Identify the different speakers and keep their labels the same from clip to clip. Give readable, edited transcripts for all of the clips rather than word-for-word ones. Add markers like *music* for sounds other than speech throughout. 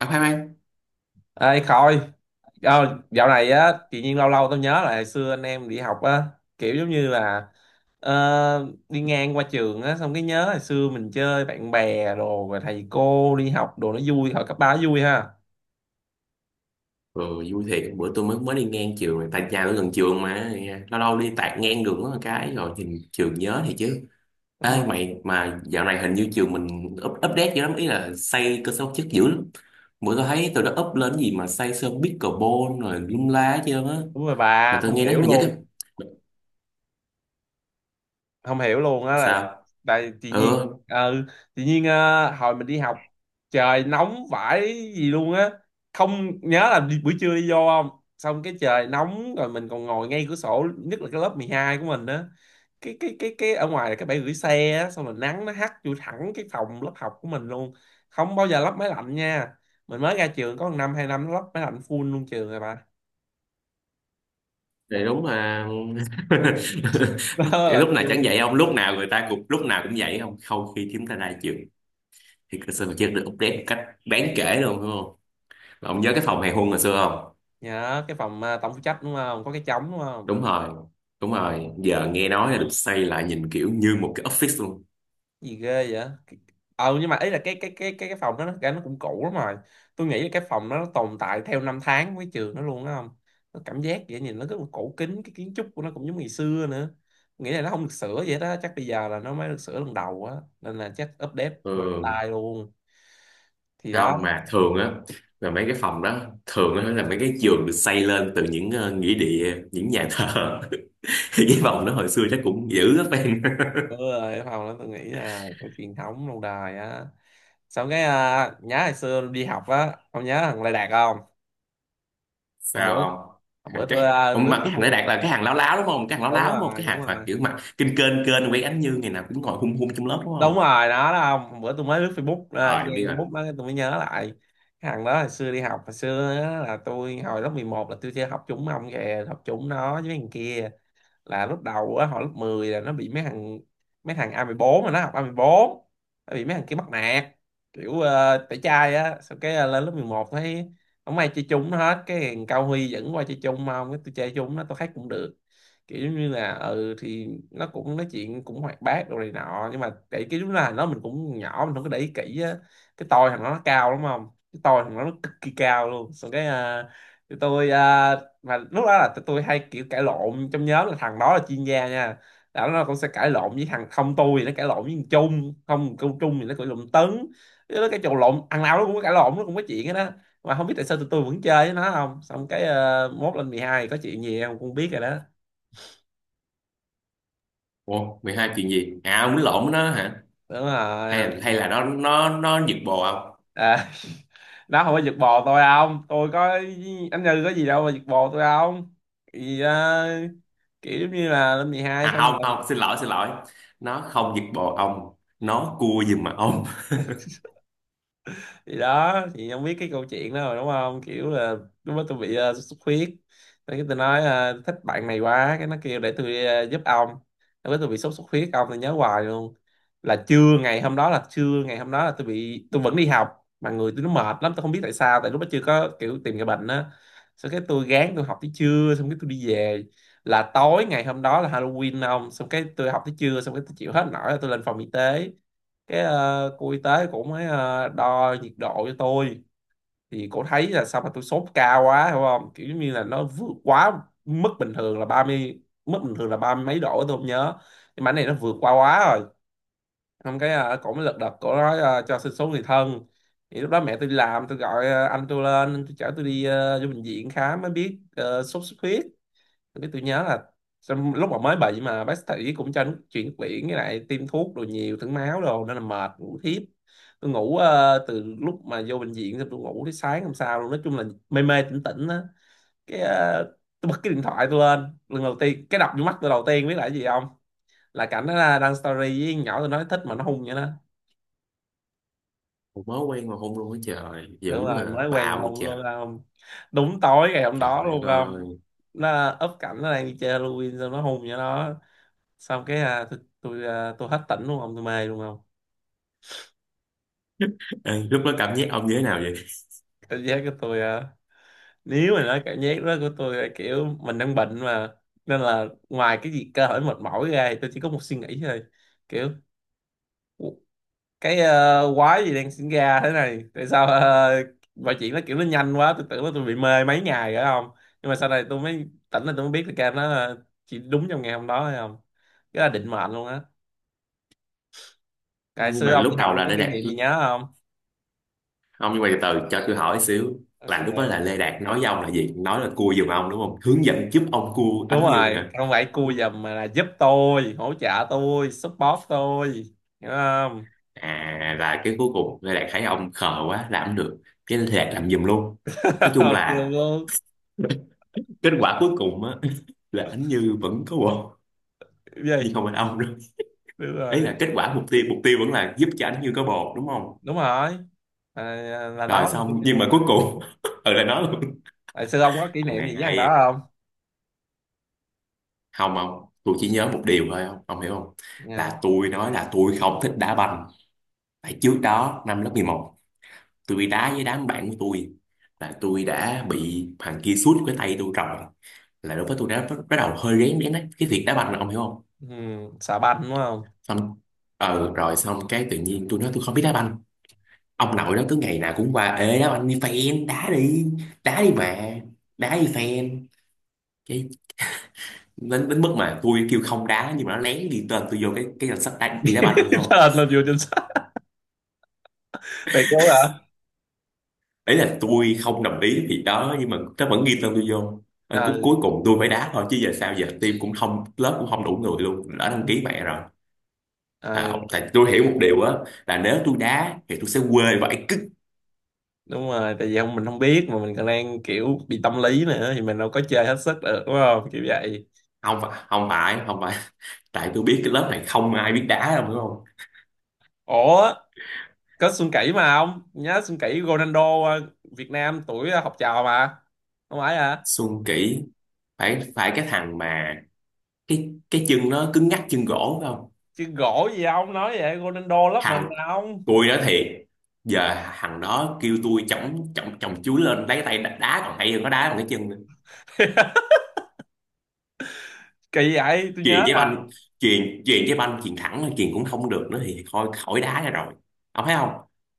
Speaker 1: À, khoan khoan.
Speaker 2: Ê Khôi, dạo này á, tự nhiên lâu lâu tao nhớ lại hồi xưa anh em đi học á, kiểu giống như là đi ngang qua trường á, xong cái nhớ hồi xưa mình chơi bạn bè đồ, rồi thầy cô đi học đồ nó vui, hồi cấp ba nó vui ha.
Speaker 1: Ừ, Vui thiệt, bữa tôi mới mới đi ngang trường này. Tại nhà tôi gần trường mà, lâu lâu đi tạt ngang đường có một cái rồi nhìn trường nhớ thì chứ.
Speaker 2: Đúng
Speaker 1: Ê
Speaker 2: rồi.
Speaker 1: mày, mà dạo này hình như trường mình update dữ lắm, ý là xây cơ sở vật chất dữ lắm. Bữa tôi thấy tôi đã up lên cái gì mà xây sân pickleball rồi lum la hết trơn á.
Speaker 2: Đúng rồi
Speaker 1: Mà
Speaker 2: bà,
Speaker 1: tôi
Speaker 2: không
Speaker 1: nghe nói
Speaker 2: hiểu
Speaker 1: mình nhớ cái.
Speaker 2: luôn. Không hiểu luôn á, là
Speaker 1: Sao?
Speaker 2: tại tự nhiên,
Speaker 1: Ừ,
Speaker 2: ừ, tự nhiên, hồi mình đi học trời nóng vãi gì luôn á, không nhớ là đi, buổi trưa đi vô không, xong cái trời nóng rồi mình còn ngồi ngay cửa sổ, nhất là cái lớp 12 của mình á, cái ở ngoài là cái bãi gửi xe á, xong rồi nắng nó hắt vô thẳng cái phòng lớp học của mình luôn, không bao giờ lắp máy lạnh nha. Mình mới ra trường có một năm hai năm nó lắp máy lạnh full luôn trường rồi bà.
Speaker 1: thì đúng mà. *laughs*
Speaker 2: *laughs* Đó,
Speaker 1: Lúc
Speaker 2: lạnh
Speaker 1: nào
Speaker 2: full
Speaker 1: chẳng
Speaker 2: luôn
Speaker 1: vậy, không
Speaker 2: trường
Speaker 1: lúc
Speaker 2: rồi.
Speaker 1: nào người ta cũng, lúc nào cũng vậy, không không, khi chúng ta ra trường thì cơ sở vật chất được update một cách đáng kể luôn đúng không. Ông nhớ cái phòng hàng hôn hồi xưa không?
Speaker 2: Nhớ cái phòng à, tổng phụ trách đúng không, có cái trống đúng không?
Speaker 1: Đúng rồi, đúng rồi. Giờ nghe nói là được xây lại nhìn kiểu như một cái office luôn.
Speaker 2: Gì ghê vậy. Nhưng mà ý là cái phòng đó nó, nó cũng cũ lắm rồi. Tôi nghĩ là cái phòng đó nó tồn tại theo năm tháng với trường nó luôn đó không, nó cảm giác vậy, nhìn nó rất là cổ kính, cái kiến trúc của nó cũng giống ngày xưa nữa. Tôi nghĩ là nó không được sửa vậy đó, chắc bây giờ là nó mới được sửa lần đầu á, nên là chắc update mạnh
Speaker 1: Ừ,
Speaker 2: tay luôn. Thì đó.
Speaker 1: không mà thường á, là mấy cái phòng đó, thường á là mấy cái giường được xây lên từ những nghĩa địa, những nhà thờ. *laughs* Cái phòng đó hồi xưa chắc cũng dữ lắm em. *laughs*
Speaker 2: Ừ, cái phòng đó tôi nghĩ là có truyền thống lâu đời á. Xong cái, nhớ hồi xưa đi học á, ông nhớ thằng Lê Đạt không? hôm bữa
Speaker 1: Sao không?
Speaker 2: hôm bữa
Speaker 1: Thằng
Speaker 2: tôi,
Speaker 1: cái, ông mà
Speaker 2: lướt
Speaker 1: cái thằng đấy
Speaker 2: Facebook.
Speaker 1: Đạt là cái hàng láo láo đúng không? Cái hàng láo
Speaker 2: Đúng
Speaker 1: láo đúng không?
Speaker 2: rồi,
Speaker 1: Cái
Speaker 2: đúng
Speaker 1: hàng mà
Speaker 2: rồi,
Speaker 1: kiểu mà kinh kênh kênh quay ánh như ngày nào cũng ngồi hung hung trong lớp đúng
Speaker 2: đúng
Speaker 1: không?
Speaker 2: rồi, nó đó không, bữa tôi mới lướt Facebook,
Speaker 1: Ờ,
Speaker 2: nghe
Speaker 1: em biết rồi.
Speaker 2: Facebook đó tôi mới nhớ lại. Cái thằng đó hồi xưa đi học, hồi xưa á, là tôi hồi lớp 11 là tôi chơi học chung ông kìa, học chung nó với thằng kia. Là lúc đầu á, hồi lớp 10 là nó bị mấy thằng, A14, mà nó học A14, nó bị mấy thằng kia bắt nạt, kiểu tẩy chay á. Sau cái, lên lớp 11 thấy không ai chơi chung nó hết, cái thằng Cao Huy dẫn qua chơi chung, mà không, cái tôi chơi chung nó tôi thấy cũng được. Kiểu giống như là, ừ thì nó cũng nói chuyện cũng hoạt bát đồ này nọ, nhưng mà để cái lúc là nó, mình cũng nhỏ mình không có để ý kỹ á. Cái tôi thằng đó nó cao lắm không, cái tôi thằng đó nó cực kỳ cao luôn. Xong cái, tụi tôi, mà lúc đó là tụi tôi hay kiểu cãi lộn trong nhóm, là thằng đó là chuyên gia nha. Là nó cũng sẽ cãi lộn với thằng không, tôi thì nó cãi lộn với thằng Trung không, câu Trung thì nó cãi lộn Tấn, nó cái trò lộn thằng nào nó cũng có cãi lộn, nó cũng có chuyện hết đó. Mà không biết tại sao tụi tôi vẫn chơi với nó không. Xong cái, mốt lên 12 có chuyện gì không cũng biết rồi đó.
Speaker 1: Ồ 12 chuyện gì? À, ông lộn nó hả?
Speaker 2: Đúng
Speaker 1: Hay
Speaker 2: rồi.
Speaker 1: là nó giật bồ ông?
Speaker 2: à, *laughs* nó không có giật bò tôi không, tôi có anh Như có gì đâu mà giật bò tôi không. Thì kiểu giống như là lên 12
Speaker 1: À,
Speaker 2: xong
Speaker 1: không
Speaker 2: rồi.
Speaker 1: không, xin lỗi xin lỗi, nó không giật bồ ông, nó cua giùm mà ông.
Speaker 2: Thì đó, thì không biết cái câu chuyện đó rồi đúng không, kiểu là lúc đó tôi bị sốt xuất huyết. Thế cái tôi nói thích bạn này quá, cái nó kêu để tôi giúp ông. Lúc đó tôi bị sốt xuất huyết ông, tôi nhớ hoài luôn. Là trưa ngày hôm đó, là tôi bị, tôi vẫn đi học mà người tôi nó mệt lắm, tôi không biết tại sao, tại lúc đó chưa có kiểu tìm cái bệnh á. Xong cái tôi gán tôi học tới trưa, xong cái tôi đi về, là tối ngày hôm đó là Halloween ông. Xong cái tôi học tới trưa, xong cái tôi chịu hết nổi là tôi lên phòng y tế. Cái, cô y tế cũng mới đo nhiệt độ cho tôi. Thì cô thấy là sao mà tôi sốt cao quá hiểu không, kiểu như là nó vượt quá mức bình thường là 30, mức bình thường là ba mươi mấy độ tôi không nhớ, nhưng mà cái này nó vượt qua quá rồi. Xong cái, cổ mới lật đật, cổ nói, cho xin số người thân. Thì lúc đó mẹ tôi đi làm, tôi gọi anh tôi lên, tôi chở tôi đi vô bệnh viện khám mới biết sốt xuất huyết. Tôi nhớ là xong lúc mà mới bệnh mà bác sĩ cũng cho nước chuyển quyển với lại tiêm thuốc đồ, nhiều thử máu đồ, nên là mệt ngủ thiếp. Tôi ngủ từ lúc mà vô bệnh viện xong tôi ngủ tới sáng hôm sau luôn, nói chung là mê mê tỉnh tỉnh á. Cái, tôi bật cái điện thoại tôi lên lần đầu tiên, cái đập vô mắt tôi đầu tiên biết là cái gì không? Là cảnh đó là đăng story với con nhỏ tôi nói thích, mà nó hung vậy đó.
Speaker 1: Ủa, mới quen mà hôn luôn á, trời dữ
Speaker 2: Đúng
Speaker 1: à,
Speaker 2: rồi, mới quen mà
Speaker 1: bạo vậy
Speaker 2: hung
Speaker 1: trời.
Speaker 2: luôn không. Đúng tối ngày hôm
Speaker 1: Trời
Speaker 2: đó luôn
Speaker 1: đất
Speaker 2: không.
Speaker 1: ơi.
Speaker 2: Nó up cảnh nó đang đi chơi Halloween, xong nó hung vậy đó. Xong cái, tôi tôi hết tỉnh luôn không, tôi mê luôn không.
Speaker 1: Ê, lúc đó cảm giác ông như thế nào vậy?
Speaker 2: Cảm giác của tôi nếu mà nói cảm giác đó của tôi là kiểu mình đang bệnh mà, nên là ngoài cái gì cơ thể mệt mỏi ra thì tôi chỉ có một suy nghĩ thôi, kiểu "Ủa, cái quái gì đang sinh ra thế này, tại sao mọi chuyện nó kiểu nó nhanh quá, tôi tưởng là tôi bị mê mấy ngày rồi không, nhưng mà sau này tôi mới tỉnh là tôi mới biết là cái nó chỉ đúng trong ngày hôm đó thôi không, cái là định mệnh luôn á. Ngày
Speaker 1: Nhưng
Speaker 2: xưa
Speaker 1: mà
Speaker 2: ông
Speaker 1: lúc
Speaker 2: đi học
Speaker 1: đầu
Speaker 2: ông
Speaker 1: là
Speaker 2: có
Speaker 1: Lê
Speaker 2: kỷ
Speaker 1: Đạt,
Speaker 2: niệm gì nhớ không?
Speaker 1: ông, nhưng mà từ từ cho tôi hỏi xíu, là lúc đó
Speaker 2: Ok.
Speaker 1: là Lê Đạt nói với ông là gì, nói là cua giùm ông đúng không, hướng dẫn giúp ông cua
Speaker 2: Đúng
Speaker 1: Ánh Như
Speaker 2: rồi,
Speaker 1: hả?
Speaker 2: không phải cua
Speaker 1: Đúng không?
Speaker 2: giùm mà là giúp tôi, hỗ trợ tôi, support tôi, hiểu không.
Speaker 1: À là cái cuối cùng Lê Đạt thấy ông khờ quá làm không được, cái Lê Đạt làm giùm luôn. Nói
Speaker 2: *laughs*
Speaker 1: chung
Speaker 2: Ok
Speaker 1: là
Speaker 2: luôn.
Speaker 1: kết quả cuối cùng á, *laughs* là anh Như vẫn có bồ,
Speaker 2: Cái
Speaker 1: nhưng
Speaker 2: gì?
Speaker 1: không phải ông nữa.
Speaker 2: Đúng
Speaker 1: Ấy là
Speaker 2: rồi,
Speaker 1: kết quả, mục tiêu, vẫn là giúp cho anh Như có bồ đúng không.
Speaker 2: đúng rồi, à, là
Speaker 1: Rồi
Speaker 2: nó.
Speaker 1: xong, nhưng mà cuối cùng *laughs* ừ, là nó luôn.
Speaker 2: Tại sư ông có kỷ
Speaker 1: Thằng
Speaker 2: niệm gì
Speaker 1: này
Speaker 2: với thằng
Speaker 1: hay.
Speaker 2: đó không?
Speaker 1: Không không, tôi chỉ nhớ một điều thôi, không ông hiểu không,
Speaker 2: Nha.
Speaker 1: là tôi nói là tôi không thích đá banh. Tại trước đó năm lớp 11, tôi đá với đám bạn của tôi, là tôi đã bị thằng kia sút cái tay tôi rồi, là đối với tôi đã bắt bắt đầu hơi rén rén đấy cái việc đá banh, là ông hiểu không.
Speaker 2: Ừ, xà banh đúng không.
Speaker 1: Xong, rồi xong cái tự nhiên tôi nói tôi không biết đá banh, ông nội nó cứ ngày nào cũng qua, ê đó anh đi fan đá đi, đá đi mà, đá đi fan. Cái, đến mức mà tôi kêu không đá nhưng mà nó lén ghi tên tôi vô cái danh sách đá, đi đá banh ông hiểu
Speaker 2: *laughs*
Speaker 1: không.
Speaker 2: Tên là vừa trên sách, thầy cố hả?
Speaker 1: Ấy là tôi không đồng ý thì đó, nhưng mà nó vẫn ghi tên tôi vô. Ờ, cuối
Speaker 2: Ờ,
Speaker 1: cuối cùng tôi phải đá thôi chứ giờ sao, giờ team cũng không, lớp cũng không đủ người luôn, đã đăng ký mẹ rồi.
Speaker 2: ờ,
Speaker 1: À, tại tôi hiểu một điều á, là nếu tôi đá thì tôi sẽ quê vậy cứ.
Speaker 2: đúng rồi, tại vì không mình không biết, mà mình còn đang kiểu bị tâm lý nữa thì mình đâu có chơi hết sức được đúng không, kiểu vậy.
Speaker 1: Không phải, không phải, không phải, tại tôi biết cái lớp này không ai biết đá đâu hiểu không.
Speaker 2: Ủa, có Xuân Kỷ mà, ông nhớ Xuân Kỷ Ronaldo Việt Nam tuổi học trò mà. Không phải hả?
Speaker 1: Xuân Kỷ, phải phải, cái thằng mà cái chân nó cứng ngắc, chân gỗ phải không?
Speaker 2: Chứ gỗ gì ông nói vậy, Ronaldo lớp mình
Speaker 1: Thằng,
Speaker 2: mà ông.
Speaker 1: tôi nói thiệt, giờ thằng đó kêu tôi chổng chổng chổng chuối lên lấy tay đá, đá còn hay hơn nó đá bằng cái chân nữa.
Speaker 2: *laughs* Kỳ vậy, tôi nhớ.
Speaker 1: Chuyền cái banh, chuyền chuyền cái banh chuyền thẳng thôi, chuyền cũng không được nữa thì thôi khỏi đá ra rồi, ông thấy không.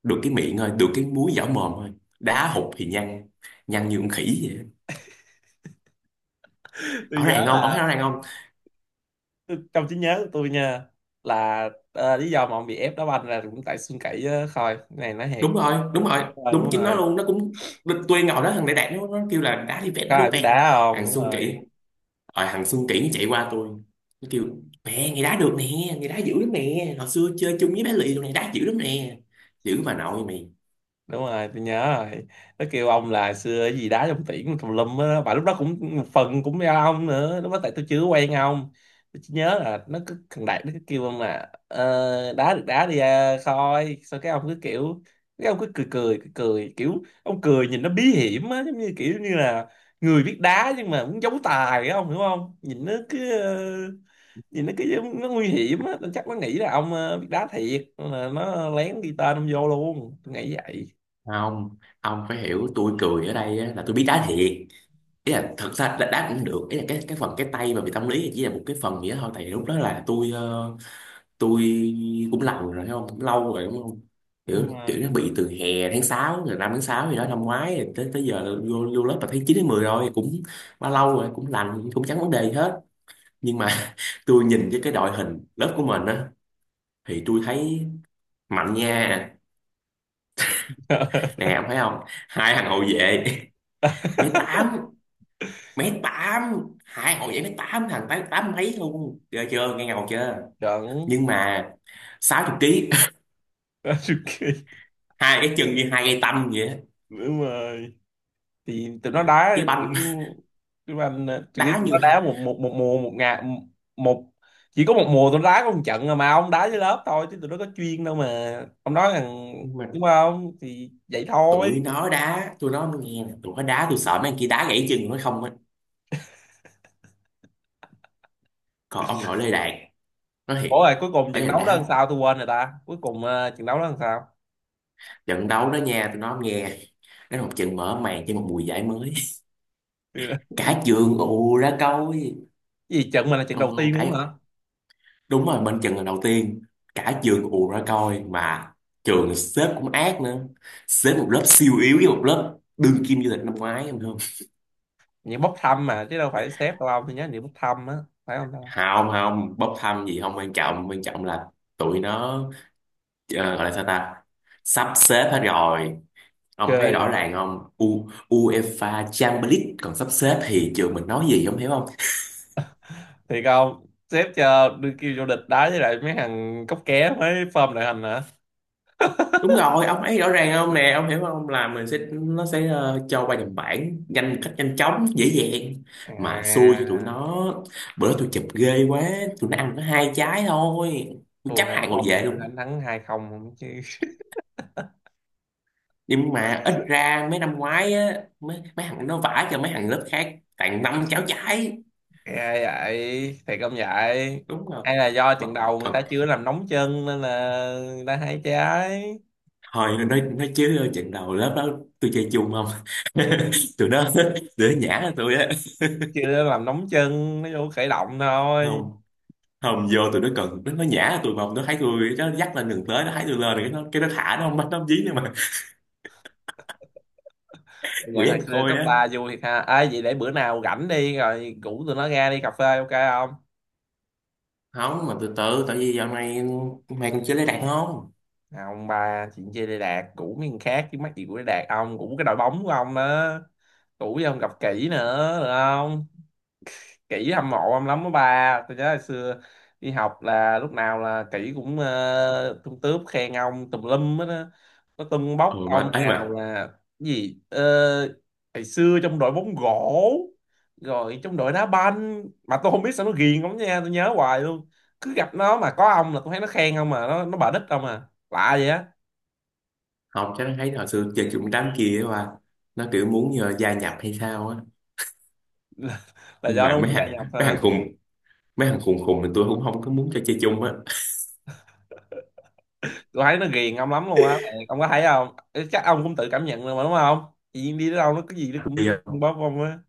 Speaker 1: Được cái miệng thôi, được cái múi vỏ mồm thôi, đá hụt thì nhăn, nhăn như con khỉ vậy.
Speaker 2: Tôi
Speaker 1: Rõ
Speaker 2: nhớ
Speaker 1: ràng không, ông thấy
Speaker 2: là
Speaker 1: rõ ràng không.
Speaker 2: tôi, trong trí nhớ của tôi nha, là lý do mà ông bị ép đá banh là cũng tại Xuân Kỷ á, thôi cái này nói thiệt.
Speaker 1: Đúng rồi, đúng rồi,
Speaker 2: Đúng rồi,
Speaker 1: đúng
Speaker 2: đúng
Speaker 1: chính nó
Speaker 2: rồi.
Speaker 1: luôn, nó cũng. Tôi ngồi đó thằng đại đạt nó kêu là đá đi ven,
Speaker 2: Có
Speaker 1: đá đi
Speaker 2: ai biết
Speaker 1: ven.
Speaker 2: đá không,
Speaker 1: Thằng
Speaker 2: đúng
Speaker 1: Xuân Kỷ,
Speaker 2: rồi,
Speaker 1: rồi thằng Xuân Kỷ nó chạy qua tôi, nó kêu, mẹ người đá được nè, người đá dữ lắm nè, hồi xưa chơi chung với bé Lì tụi này đá dữ lắm nè. Dữ bà nội mày.
Speaker 2: đúng rồi, tôi nhớ rồi. Nó kêu ông là xưa cái gì đá trong tiễn tùm lum á, mà lúc đó cũng một phần cũng do ông nữa, lúc đó tại tôi chưa quen ông. Tôi chỉ nhớ là nó cứ, thằng Đạt nó cứ kêu ông là đá được đá đi Khôi. Sao cái ông cứ kiểu, cái ông cứ cười cười cười cười, kiểu ông cười nhìn nó bí hiểm á, giống như kiểu như là người biết đá nhưng mà muốn giấu tài á, ông hiểu không. Nhìn nó cứ nó nguy hiểm á, tôi chắc nó nghĩ là ông biết đá thiệt, nên là nó lén ghi tên ông vô luôn, tôi nghĩ vậy.
Speaker 1: Không, ông phải hiểu tôi cười ở đây á, là tôi biết đá thiệt, ý là thật ra là đá cũng được, ý là cái phần cái tay mà bị tâm lý thì chỉ là một cái phần gì đó thôi, tại vì lúc đó là tôi, tôi cũng lâu rồi thấy không, cũng lâu rồi đúng không. kiểu
Speaker 2: Đúng
Speaker 1: kiểu
Speaker 2: rồi.
Speaker 1: nó bị từ hè tháng 6 rồi, năm tháng 6 gì đó năm ngoái rồi, tới tới giờ là vô vô lớp là tháng 9 đến 10 rồi cũng bao lâu rồi cũng lành, cũng chẳng vấn đề gì hết. Nhưng mà *laughs* tôi nhìn với cái đội hình lớp của mình á, thì tôi thấy mạnh nha.
Speaker 2: *laughs*
Speaker 1: Nè ông thấy không, hai thằng hậu vệ *laughs* mấy tám, mấy tám, hai hậu vệ mấy tám, thằng tám tám mấy luôn, ghê chưa, nghe ngầu chưa.
Speaker 2: Trận.
Speaker 1: Nhưng mà 60 ký
Speaker 2: Ok,
Speaker 1: *laughs* hai cái chân như hai cây tăm vậy á.
Speaker 2: đúng rồi. Thì tụi nó đá
Speaker 1: Với
Speaker 2: kiểu,
Speaker 1: banh
Speaker 2: tụi anh,
Speaker 1: *laughs*
Speaker 2: tụi,
Speaker 1: đá
Speaker 2: tụi nó
Speaker 1: như,
Speaker 2: đá một một một mùa một ngày, một, chỉ có một mùa tụi nó đá có một trận rồi, mà ông đá với lớp thôi chứ tụi nó có chuyên đâu mà. Ông nói rằng
Speaker 1: nhưng mà
Speaker 2: đúng không, thì vậy thôi.
Speaker 1: tụi nó đá, tụi nó nghe nè, tụi nó đá tôi sợ mấy anh kia đá gãy chân nó không á. Còn ông nội Lê Đạt, nói
Speaker 2: Ủa
Speaker 1: thiệt.
Speaker 2: rồi cuối cùng
Speaker 1: Ở
Speaker 2: trận
Speaker 1: nhà
Speaker 2: đấu đó làm
Speaker 1: đá.
Speaker 2: sao, tôi quên rồi ta, cuối cùng trận đấu đó làm sao.
Speaker 1: Trận đấu đó nha tụi nó nghe, nó một trận mở màn cho một mùa giải mới.
Speaker 2: Thì là-
Speaker 1: *laughs* Cả
Speaker 2: *laughs*
Speaker 1: trường ù ra coi.
Speaker 2: Cái gì, trận mà là trận
Speaker 1: Không
Speaker 2: đầu
Speaker 1: không
Speaker 2: tiên luôn
Speaker 1: cái,
Speaker 2: hả?
Speaker 1: đúng rồi bên trận là đầu tiên, cả trường ù ra coi mà. Trường xếp cũng ác nữa, xếp một lớp siêu yếu với một lớp đương kim vô địch năm ngoái, em không.
Speaker 2: Những bốc thăm mà, chứ đâu phải xếp đâu ông, tôi nhớ những bốc thăm á, phải không ta?
Speaker 1: Hào không, bốc thăm gì không quan trọng, là tụi nó, gọi là sao ta, sắp xếp hết rồi. Ông thấy rõ
Speaker 2: Ok,
Speaker 1: ràng không, UEFA Champions League còn sắp xếp thì trường mình nói gì, ông hiểu không.
Speaker 2: thì không, sếp cho đưa kêu vô địch đá với lại mấy thằng cóc ké mới form đội hình hả?
Speaker 1: Đúng rồi ông thấy rõ ràng không, nè ông hiểu không, là mình sẽ, nó sẽ cho qua nhầm bảng nhanh một cách nhanh chóng dễ dàng. Mà xui cho tụi
Speaker 2: À,
Speaker 1: nó, bữa tôi chụp ghê quá, tụi nó ăn có hai trái thôi, tôi
Speaker 2: thua
Speaker 1: chấp
Speaker 2: hai
Speaker 1: hàng ngồi
Speaker 2: không là
Speaker 1: về
Speaker 2: tụi
Speaker 1: luôn.
Speaker 2: đánh thắng 2-0 không chứ.
Speaker 1: Nhưng mà ít ra mấy năm ngoái á, mấy thằng nó vả cho mấy thằng lớp khác tặng năm cháo trái.
Speaker 2: Ghê vậy, thiệt không vậy?
Speaker 1: Đúng rồi.
Speaker 2: Hay là do trận
Speaker 1: còn,
Speaker 2: đầu người ta
Speaker 1: còn
Speaker 2: chưa làm nóng chân nên là người ta hay trái.
Speaker 1: thôi nói chứ trận đầu lớp đó tôi chơi chung không. *laughs* Tụi nó để nhã tôi á.
Speaker 2: Chưa làm nóng chân nó vô khởi động thôi.
Speaker 1: Không không vô, tụi nó cần nó nhã tụi, mà nó thấy tôi nó dắt lên đường tới, nó thấy tôi lên rồi cái nó thả, nó không bắt, nó không dí nữa mà. *laughs*
Speaker 2: Nhận
Speaker 1: Quỷ
Speaker 2: hồi
Speaker 1: anh
Speaker 2: xưa
Speaker 1: khôi
Speaker 2: cấp
Speaker 1: á.
Speaker 2: ba vui thiệt ha. Vậy để bữa nào rảnh đi, rồi rủ tụi nó ra đi cà phê ok không?
Speaker 1: Không mà từ từ, tại vì dạo này mày còn chưa lấy đàn không.
Speaker 2: À, ông ba chuyện chơi Đê Đạt cũ miếng khác chứ, mắc gì của Đê Đạt, ông cũ cái đội bóng của ông á, cũ với ông gặp kỹ nữa được không. Kỹ hâm mộ ông lắm đó ba, tôi nhớ hồi xưa đi học là lúc nào là kỹ cũng tung tướp khen ông tùm lum hết á, nó tưng
Speaker 1: Ừ
Speaker 2: bốc
Speaker 1: mà
Speaker 2: ông
Speaker 1: ấy
Speaker 2: nào
Speaker 1: mà,
Speaker 2: là cái gì hồi xưa trong đội bóng gỗ, rồi trong đội đá banh mà tôi không biết sao nó ghiền ông nha, tôi nhớ hoài luôn. Cứ gặp nó mà có ông là tôi thấy nó khen ông, mà nó bà đích ông à, lạ vậy á.
Speaker 1: không chắc nó thấy hồi xưa chơi chung đám kia mà, nó kiểu muốn nhờ gia nhập hay sao á.
Speaker 2: Là
Speaker 1: Nhưng
Speaker 2: do nó
Speaker 1: mà
Speaker 2: muốn
Speaker 1: mấy
Speaker 2: gia
Speaker 1: thằng
Speaker 2: nhập
Speaker 1: mấy
Speaker 2: hả?
Speaker 1: thằng khùng, mấy thằng khùng khùng thì tôi cũng không có muốn cho chơi chung á.
Speaker 2: Tôi thấy nó ghiền ông lắm luôn á. Ờ, ông có thấy không? Ê, chắc ông cũng tự cảm nhận rồi mà đúng không. Chị Duyên đi đến đâu nó cái gì nó cũng
Speaker 1: Bây giờ
Speaker 2: bóp ông á.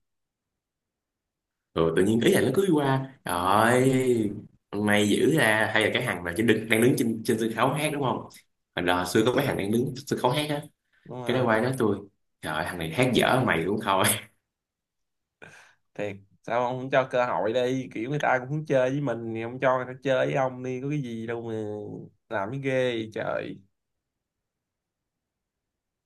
Speaker 1: rồi tự nhiên ý là nó cứ đi qua, trời ơi, may dữ ra, hay là cái thằng mà chỉ đang đứng trên trên sân khấu hát đúng không, hồi đó xưa có mấy thằng đang đứng trên sân khấu hát á,
Speaker 2: Đúng
Speaker 1: cái đó
Speaker 2: rồi.
Speaker 1: quay nói tôi, trời ơi, thằng này hát dở mày cũng thôi. *laughs*
Speaker 2: Thiệt? Sao ông không cho cơ hội đi, kiểu người ta cũng muốn chơi với mình thì ông cho người ta chơi với ông đi, có cái gì đâu mà làm cái ghê vậy trời.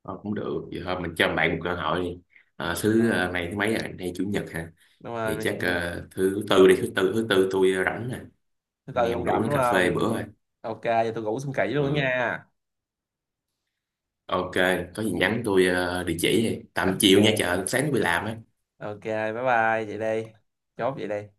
Speaker 1: Ờ, cũng được vậy thôi, mình cho bạn một cơ hội đi. Ờ,
Speaker 2: Rồi.
Speaker 1: thứ này thứ mấy rồi, nay chủ nhật hả?
Speaker 2: Đúng rồi
Speaker 1: Thì
Speaker 2: mày,
Speaker 1: chắc
Speaker 2: chủ nhật.
Speaker 1: thứ tư đi, thứ tư tôi rảnh nè,
Speaker 2: Thứ
Speaker 1: anh
Speaker 2: tư
Speaker 1: em
Speaker 2: ông
Speaker 1: rủ
Speaker 2: rảnh
Speaker 1: nó
Speaker 2: đúng
Speaker 1: cà phê
Speaker 2: không? Vậy
Speaker 1: bữa
Speaker 2: thì-
Speaker 1: rồi.
Speaker 2: Ok, giờ tôi ngủ, xong kỹ luôn đó
Speaker 1: Ừ,
Speaker 2: nha.
Speaker 1: ok. Có gì nhắn tôi địa chỉ đi tầm chiều nha,
Speaker 2: Ok.
Speaker 1: chợ sáng tôi đi làm á.
Speaker 2: Ok, bye bye vậy đây, chốt vậy đây.